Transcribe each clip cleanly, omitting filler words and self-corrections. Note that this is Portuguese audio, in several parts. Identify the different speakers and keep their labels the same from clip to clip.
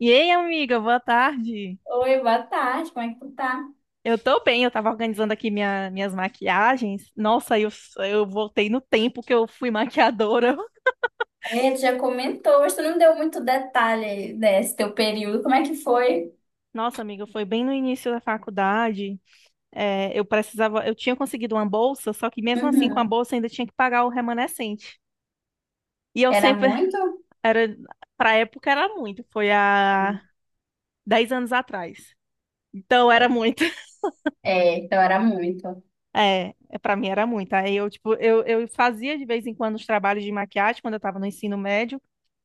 Speaker 1: E aí, amiga, boa tarde.
Speaker 2: Oi, boa tarde, como é que tu tá?
Speaker 1: Eu tava organizando aqui minhas maquiagens. Eu voltei no tempo que eu fui maquiadora.
Speaker 2: É, tu já comentou, mas tu não deu muito detalhe desse teu período, como é que foi?
Speaker 1: Nossa, amiga, foi bem no início da faculdade. Eu precisava, eu tinha conseguido uma bolsa, só que mesmo assim, com a
Speaker 2: Uhum.
Speaker 1: bolsa, ainda tinha que pagar o remanescente. E eu
Speaker 2: Era
Speaker 1: sempre,
Speaker 2: muito?
Speaker 1: era, pra época era muito, foi há 10 anos atrás. Então era muito.
Speaker 2: É, então era muito.
Speaker 1: É, é, pra mim era muito. Aí, tipo, eu fazia de vez em quando os trabalhos de maquiagem quando eu tava no ensino médio.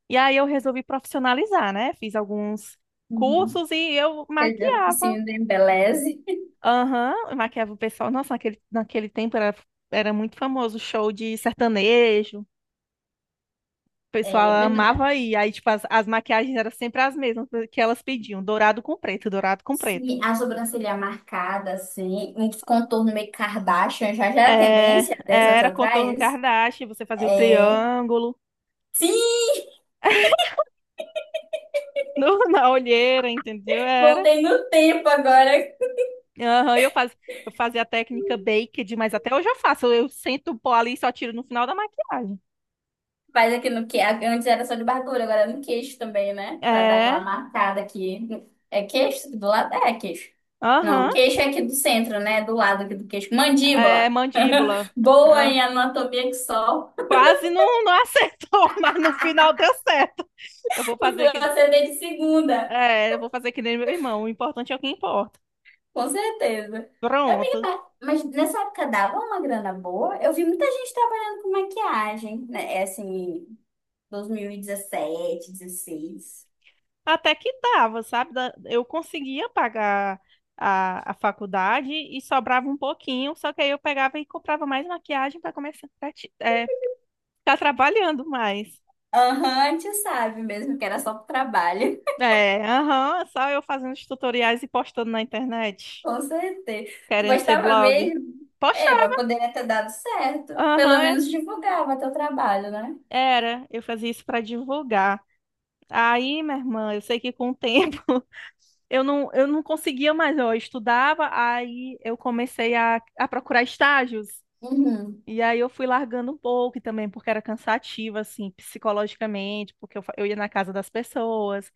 Speaker 1: E aí eu resolvi profissionalizar, né? Fiz alguns
Speaker 2: Uhum.
Speaker 1: cursos e eu
Speaker 2: Quer dizer, o
Speaker 1: maquiava.
Speaker 2: focinho do embeleze.
Speaker 1: Aham, eu maquiava o pessoal. Nossa, naquele tempo era, era muito famoso o show de sertanejo. O
Speaker 2: É,
Speaker 1: pessoal
Speaker 2: mas tu dá.
Speaker 1: amava ir. Aí, tipo, as maquiagens eram sempre as mesmas que elas pediam. Dourado com preto, dourado com preto.
Speaker 2: Se a sobrancelha é marcada, assim, um contorno meio Kardashian, já já era
Speaker 1: É,
Speaker 2: tendência 10
Speaker 1: é,
Speaker 2: anos
Speaker 1: era contorno
Speaker 2: atrás?
Speaker 1: Kardashian, você fazia o
Speaker 2: É.
Speaker 1: triângulo
Speaker 2: Sim,
Speaker 1: na olheira, entendeu? Era
Speaker 2: voltei no tempo agora.
Speaker 1: Aham, eu faz, eu fazia a técnica baked, mas até hoje eu faço. Eu sento o pó ali e só tiro no final da maquiagem.
Speaker 2: Faz aqui no que antes era só de barbura, agora é no queixo também, né? Pra dar aquela
Speaker 1: É,
Speaker 2: marcada aqui. É queixo? Do lado? É queixo. Não,
Speaker 1: aham,
Speaker 2: queixo é aqui do centro, né? Do lado aqui do queixo.
Speaker 1: é
Speaker 2: Mandíbula.
Speaker 1: mandíbula.
Speaker 2: Boa
Speaker 1: Ah,
Speaker 2: em anatomia que só.
Speaker 1: quase não acertou, mas no final deu certo. Eu vou
Speaker 2: No
Speaker 1: fazer
Speaker 2: final
Speaker 1: que,
Speaker 2: acertei de segunda.
Speaker 1: eu vou fazer que nem meu irmão. O importante é o que importa.
Speaker 2: Com certeza. Eu me
Speaker 1: Pronto.
Speaker 2: mas nessa época dava uma grana boa. Eu vi muita gente trabalhando com maquiagem, né? É assim, 2017, 16.
Speaker 1: Até que dava, sabe? Eu conseguia pagar a faculdade e sobrava um pouquinho, só que aí eu pegava e comprava mais maquiagem para começar, para ficar trabalhando mais.
Speaker 2: Aham, a gente sabe mesmo que era só pro trabalho.
Speaker 1: É, aham, só eu fazendo os tutoriais e postando na internet,
Speaker 2: Com certeza. Tu
Speaker 1: querendo ser
Speaker 2: gostava
Speaker 1: blog.
Speaker 2: mesmo?
Speaker 1: Postar,
Speaker 2: É, mas poderia ter dado certo.
Speaker 1: aham,
Speaker 2: Pelo menos divulgava teu trabalho, né?
Speaker 1: era, eu fazia isso pra divulgar. Aí, minha irmã, eu sei que com o tempo eu não conseguia mais, ó, eu estudava, aí eu comecei a procurar estágios.
Speaker 2: Uhum.
Speaker 1: E aí eu fui largando um pouco e também porque era cansativo, assim, psicologicamente, porque eu, eu ia na casa das pessoas.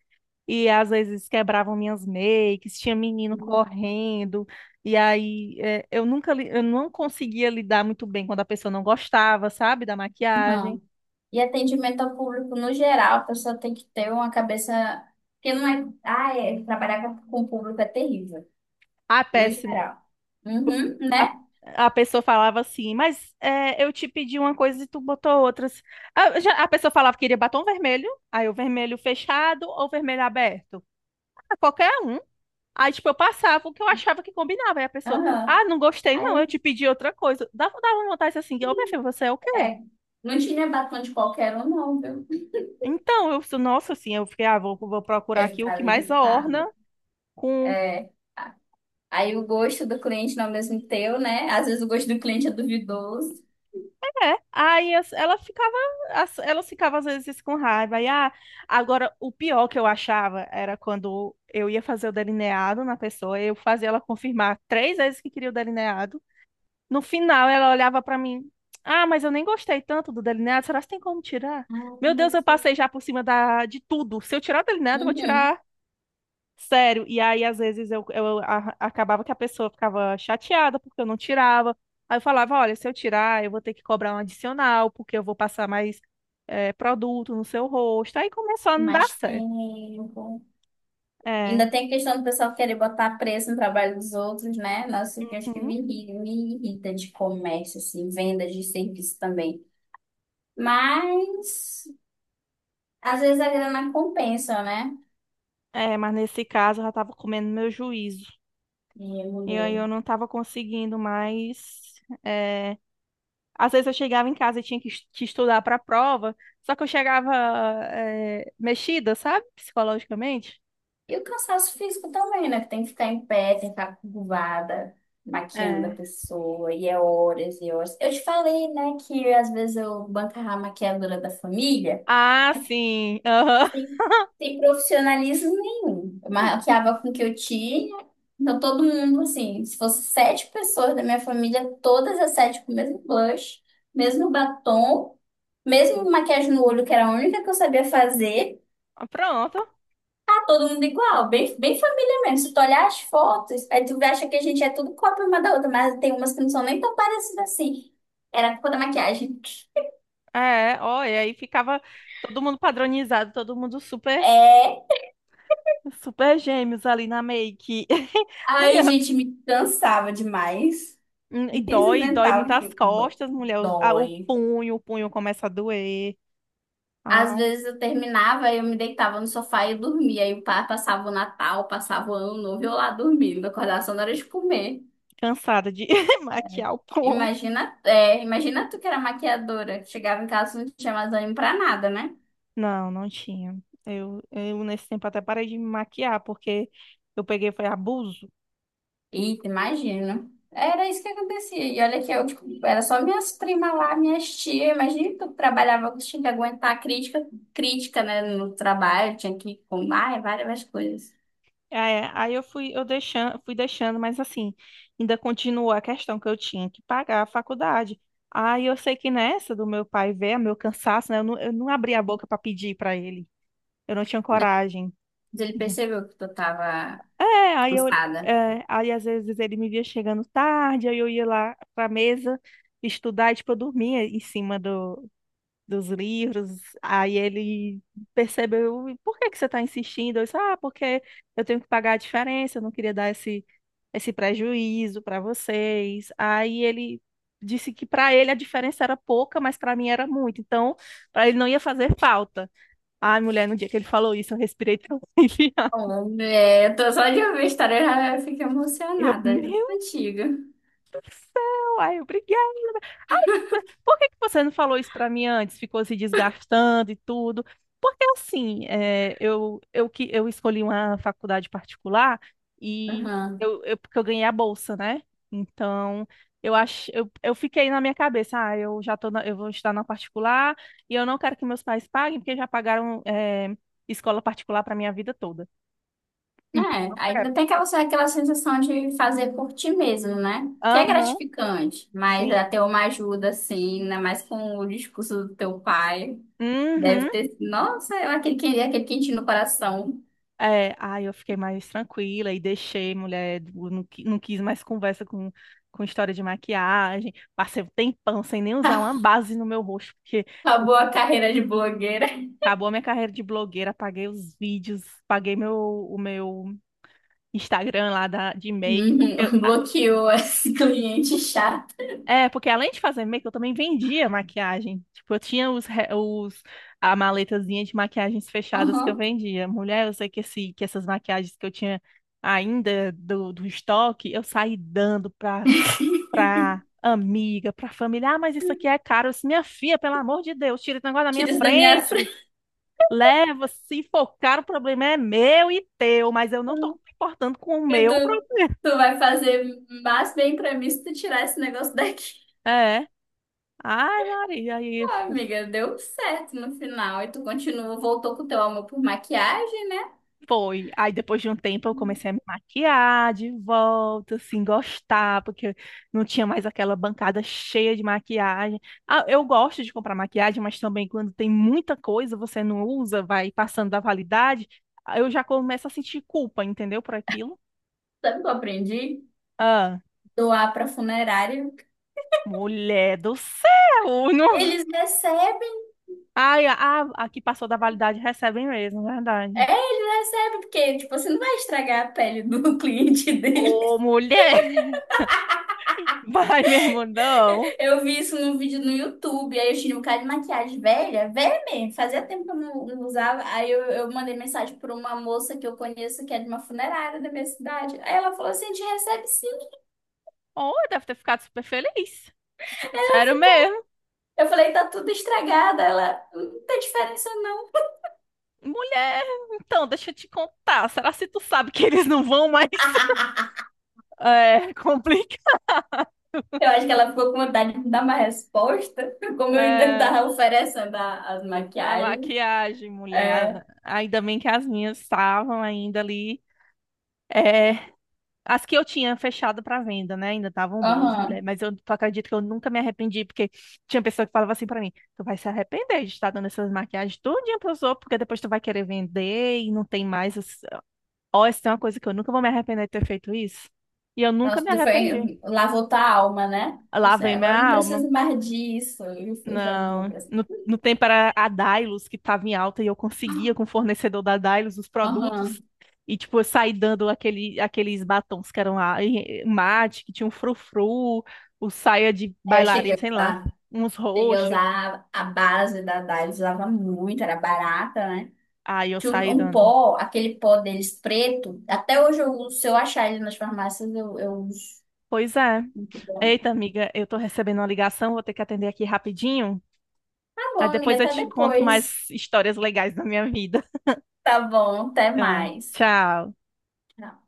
Speaker 1: E às vezes quebravam minhas makes, tinha menino correndo. E aí é, eu nunca li- eu não conseguia lidar muito bem quando a pessoa não gostava, sabe, da maquiagem.
Speaker 2: Não. E atendimento ao público no geral, a pessoa tem que ter uma cabeça que não é. Ah, é. Trabalhar com o público é terrível,
Speaker 1: Ah,
Speaker 2: no
Speaker 1: péssimo.
Speaker 2: geral. Uhum,
Speaker 1: A,
Speaker 2: né?
Speaker 1: a pessoa falava assim, mas é, eu te pedi uma coisa e tu botou outras. A pessoa falava que queria batom vermelho, aí o vermelho fechado ou vermelho aberto. Ah, qualquer um. Aí, tipo, eu passava o que eu achava que combinava. Aí a pessoa,
Speaker 2: Aham.
Speaker 1: ah, não gostei, não,
Speaker 2: Aí,
Speaker 1: eu te pedi outra coisa. Dava uma vontade assim, ô, minha filha, você é o quê?
Speaker 2: é, não tinha batom de qualquer um, não, viu?
Speaker 1: Então, eu, nossa, assim, eu fiquei, ah, vou procurar
Speaker 2: Eu
Speaker 1: aqui o que
Speaker 2: ficava
Speaker 1: mais orna
Speaker 2: irritada.
Speaker 1: com
Speaker 2: É. Aí o gosto do cliente não é o mesmo teu, né? Às vezes o gosto do cliente é duvidoso.
Speaker 1: é. Ela ficava, elas ficavam às vezes com raiva. Aí, ah, agora o pior que eu achava era quando eu ia fazer o delineado na pessoa, eu fazia ela confirmar 3 vezes que queria o delineado. No final ela olhava pra mim, ah, mas eu nem gostei tanto do delineado, será que tem como tirar? Meu
Speaker 2: Ai,
Speaker 1: Deus, eu
Speaker 2: que-
Speaker 1: passei já por cima da, de tudo. Se eu tirar o delineado, eu vou
Speaker 2: Uhum.
Speaker 1: tirar. Sério, e aí às vezes acabava que a pessoa ficava chateada porque eu não tirava. Aí eu falava, olha, se eu tirar, eu vou ter que cobrar um adicional, porque eu vou passar mais produto no seu rosto. Aí começou a não dar
Speaker 2: Mais
Speaker 1: certo.
Speaker 2: tempo.
Speaker 1: É,
Speaker 2: Ainda tem a questão do pessoal querer botar preço no trabalho dos outros, né? Nossa, eu acho que
Speaker 1: uhum.
Speaker 2: me irrita de comércio, assim, venda de serviço também. Mas, às vezes a grana compensa, né?
Speaker 1: É, mas nesse caso eu já tava comendo meu juízo.
Speaker 2: E a
Speaker 1: E aí
Speaker 2: mulher.
Speaker 1: eu não tava conseguindo mais. eh, Às vezes eu chegava em casa e tinha que que estudar para a prova, só que eu chegava mexida, sabe? Psicologicamente.
Speaker 2: E o cansaço físico também, né? Que tem que ficar em pé, tem que ficar curvada, maquiando a
Speaker 1: É
Speaker 2: pessoa, e é horas e horas. Eu te falei, né, que às vezes eu bancava a maquiadora da família.
Speaker 1: Ah, sim. Aham.
Speaker 2: Sem, sem profissionalismo nenhum. Eu maquiava com o que eu tinha. Então, todo mundo, assim, se fosse sete pessoas da minha família, todas as sete com o mesmo blush, mesmo batom, mesmo maquiagem no olho, que era a única que eu sabia fazer,
Speaker 1: Ah, pronto.
Speaker 2: tá todo mundo igual, bem, bem família mesmo. Se tu olhar as fotos, aí tu acha que a gente é tudo cópia uma da outra, mas tem umas que não são nem tão parecidas assim. Era a culpa da maquiagem.
Speaker 1: É, ó, e aí ficava todo mundo padronizado, todo mundo super,
Speaker 2: É.
Speaker 1: super gêmeos ali na make.
Speaker 2: Ai, gente, me cansava demais.
Speaker 1: E
Speaker 2: Eles
Speaker 1: dói, dói muito
Speaker 2: inventavam
Speaker 1: as
Speaker 2: que dó-
Speaker 1: costas, mulher. O
Speaker 2: dói.
Speaker 1: punho, o punho começa a doer.
Speaker 2: Às
Speaker 1: Ah,
Speaker 2: vezes eu terminava, eu me deitava no sofá e dormia. Aí o pai passava o Natal, passava o Ano Novo, e eu lá dormindo, acordava só na hora de comer.
Speaker 1: cansada de maquiar o povo.
Speaker 2: Imagina, é, imagina tu que era maquiadora, chegava em casa não tinha mais ânimo pra nada, né?
Speaker 1: Não, não tinha. Eu nesse tempo até parei de me maquiar, porque eu peguei, foi abuso.
Speaker 2: Eita, imagina. Era isso que acontecia. E olha que eu, tipo, era só minhas primas lá, minhas tias. Imagina tu que eu trabalhava, que tinha que aguentar crítica, crítica, né, no trabalho, tinha que comer, ai, várias coisas.
Speaker 1: É, aí eu fui, eu deixando, fui deixando, mas assim, ainda continuou a questão que eu tinha que pagar a faculdade. Aí eu sei que nessa do meu pai ver, meu cansaço, né? Eu não abri a boca para pedir para ele. Eu não tinha coragem.
Speaker 2: Mas ele
Speaker 1: de-
Speaker 2: percebeu que tu tava
Speaker 1: É, aí eu,
Speaker 2: cansada.
Speaker 1: é, aí às vezes ele me via chegando tarde, aí eu ia lá para mesa estudar, e, tipo, eu dormia em cima dos livros. Aí ele percebeu, "E por que que você está insistindo?" Eu disse, ah, porque eu tenho que pagar a diferença, eu não queria dar esse prejuízo para vocês. Aí ele disse que para ele a diferença era pouca, mas para mim era muito. Então, para ele não ia fazer falta. Ai, mulher, no dia que ele falou isso, eu respirei tão aliviada.
Speaker 2: Oh, é, eu tô só de ouvir a história, eu já fico
Speaker 1: Eu,
Speaker 2: emocionada. Já.
Speaker 1: meu
Speaker 2: Antiga.
Speaker 1: Deus do céu! Ai, obrigada! Por que que você não falou isso pra mim antes? Ficou se desgastando e tudo. Porque assim, é, eu escolhi uma faculdade particular e
Speaker 2: Aham.
Speaker 1: porque eu ganhei a bolsa, né? Então, eu acho, eu fiquei na minha cabeça, ah, eu vou estudar na particular e eu não quero que meus pais paguem, porque já pagaram, é, escola particular pra minha vida toda. Então, eu
Speaker 2: É,
Speaker 1: não quero.
Speaker 2: ainda tem aquela, aquela sensação de fazer por ti mesmo, né? Que é
Speaker 1: Aham,
Speaker 2: gratificante, mas
Speaker 1: sim.
Speaker 2: até uma ajuda, assim, ainda mais com o discurso do teu pai. Deve
Speaker 1: Uhum.
Speaker 2: ter sido. Nossa, eu- aquele, que- aquele quentinho no coração.
Speaker 1: É, aí eu fiquei mais tranquila e deixei, mulher, eu não, qui- não quis mais conversa com história de maquiagem. Passei um tempão sem nem usar uma base no meu rosto, porque
Speaker 2: Acabou a carreira de blogueira.
Speaker 1: acabou a minha carreira de blogueira, apaguei os vídeos, paguei o meu Instagram lá de make, porque
Speaker 2: Uhum. Bloqueou esse cliente chato.
Speaker 1: é, porque além de fazer make, eu também vendia maquiagem. Tipo, eu tinha os a maletazinha de maquiagens fechadas que eu
Speaker 2: Uhum.
Speaker 1: vendia. Mulher, eu sei que, que essas maquiagens que eu tinha ainda do estoque, eu saí dando pra, pra amiga, pra família. Ah, mas isso aqui é caro. Eu disse, minha filha, pelo amor de Deus, tira esse negócio da minha
Speaker 2: Tira isso da minha
Speaker 1: frente. Leva, se for caro, o problema é meu e teu, mas eu não tô me importando com o
Speaker 2: e
Speaker 1: meu
Speaker 2: tu,
Speaker 1: problema.
Speaker 2: tu vai fazer mais bem pra mim se tu tirar esse negócio daqui.
Speaker 1: É. Ai, Maria, aí
Speaker 2: Ah, amiga, deu certo no final. E tu continua, voltou com o teu amor por maquiagem, né?
Speaker 1: foi. Aí depois de um tempo eu comecei a me maquiar de volta, assim, gostar, porque não tinha mais aquela bancada cheia de maquiagem. Ah, eu gosto de comprar maquiagem, mas também quando tem muita coisa, você não usa, vai passando da validade, aí eu já começo a sentir culpa, entendeu? Por aquilo.
Speaker 2: Sabe o que eu aprendi?
Speaker 1: Ah,
Speaker 2: Doar pra funerária.
Speaker 1: mulher do céu! Não...
Speaker 2: Eles recebem.
Speaker 1: Ai, a que passou da validade recebe mesmo,
Speaker 2: É,
Speaker 1: verdade.
Speaker 2: eles recebem, porque, tipo, você não vai estragar a pele do cliente dele.
Speaker 1: Ô, mulher! Vai mesmo, não.
Speaker 2: Eu vi isso num vídeo no YouTube, aí eu tinha um cara de maquiagem velha, velha mesmo, fazia tempo que eu não, não usava. Aí eu mandei mensagem para uma moça que eu conheço, que é de uma funerária da minha cidade. Aí ela falou assim: a gente recebe sim.
Speaker 1: Oh, deve ter ficado super feliz. Sério mesmo.
Speaker 2: Eu falei: tá tudo estragado. Ela, não tem diferença não.
Speaker 1: Mulher, então, deixa eu te contar. Será se tu sabe que eles não vão mais? É, complica.
Speaker 2: Eu acho que ela ficou com vontade de me dar uma resposta, como eu ainda
Speaker 1: É,
Speaker 2: estava oferecendo a- as
Speaker 1: a
Speaker 2: maquiagens.
Speaker 1: maquiagem,
Speaker 2: É,
Speaker 1: mulher. Ainda bem que as minhas estavam ainda ali. É, as que eu tinha fechado para venda, né? Ainda estavam boas,
Speaker 2: aham.
Speaker 1: mulher. Mas eu acredito que eu nunca me arrependi, porque tinha pessoa que falava assim para mim: tu vai se arrepender de estar dando essas maquiagens todinha pros outros, porque depois tu vai querer vender e não tem mais. Ó, isso é uma coisa que eu nunca vou me arrepender de ter feito isso. E eu nunca
Speaker 2: Nossa,
Speaker 1: me arrependi.
Speaker 2: foi, lavou tua alma, né?
Speaker 1: Lá
Speaker 2: Você,
Speaker 1: vem
Speaker 2: agora
Speaker 1: minha
Speaker 2: eu não
Speaker 1: alma.
Speaker 2: preciso mais disso. Eu já vou
Speaker 1: Não,
Speaker 2: pra
Speaker 1: no tempo era a Dailos que estava em alta e eu conseguia com o fornecedor da Dailos os produtos
Speaker 2: aham.
Speaker 1: e tipo eu saí dando aquele, aqueles batons que eram lá, e mate, que tinha um frufru, o saia de
Speaker 2: É, eu
Speaker 1: bailarina, sei lá, uns
Speaker 2: cheguei a
Speaker 1: roxos.
Speaker 2: usar a base da Dylos, usava muito, era barata, né?
Speaker 1: Aí eu
Speaker 2: Tinha um
Speaker 1: saí
Speaker 2: um
Speaker 1: dando.
Speaker 2: pó, aquele pó deles preto, até hoje eu uso, se eu achar ele nas farmácias, eu uso.
Speaker 1: Pois é.
Speaker 2: Muito bom.
Speaker 1: Eita, amiga, eu tô recebendo uma ligação, vou ter que atender aqui rapidinho.
Speaker 2: Tá
Speaker 1: Aí
Speaker 2: bom, amiga,
Speaker 1: depois eu
Speaker 2: até
Speaker 1: te conto
Speaker 2: depois.
Speaker 1: mais histórias legais da minha vida.
Speaker 2: Tá bom, até
Speaker 1: Ah,
Speaker 2: mais.
Speaker 1: tchau.
Speaker 2: Tchau.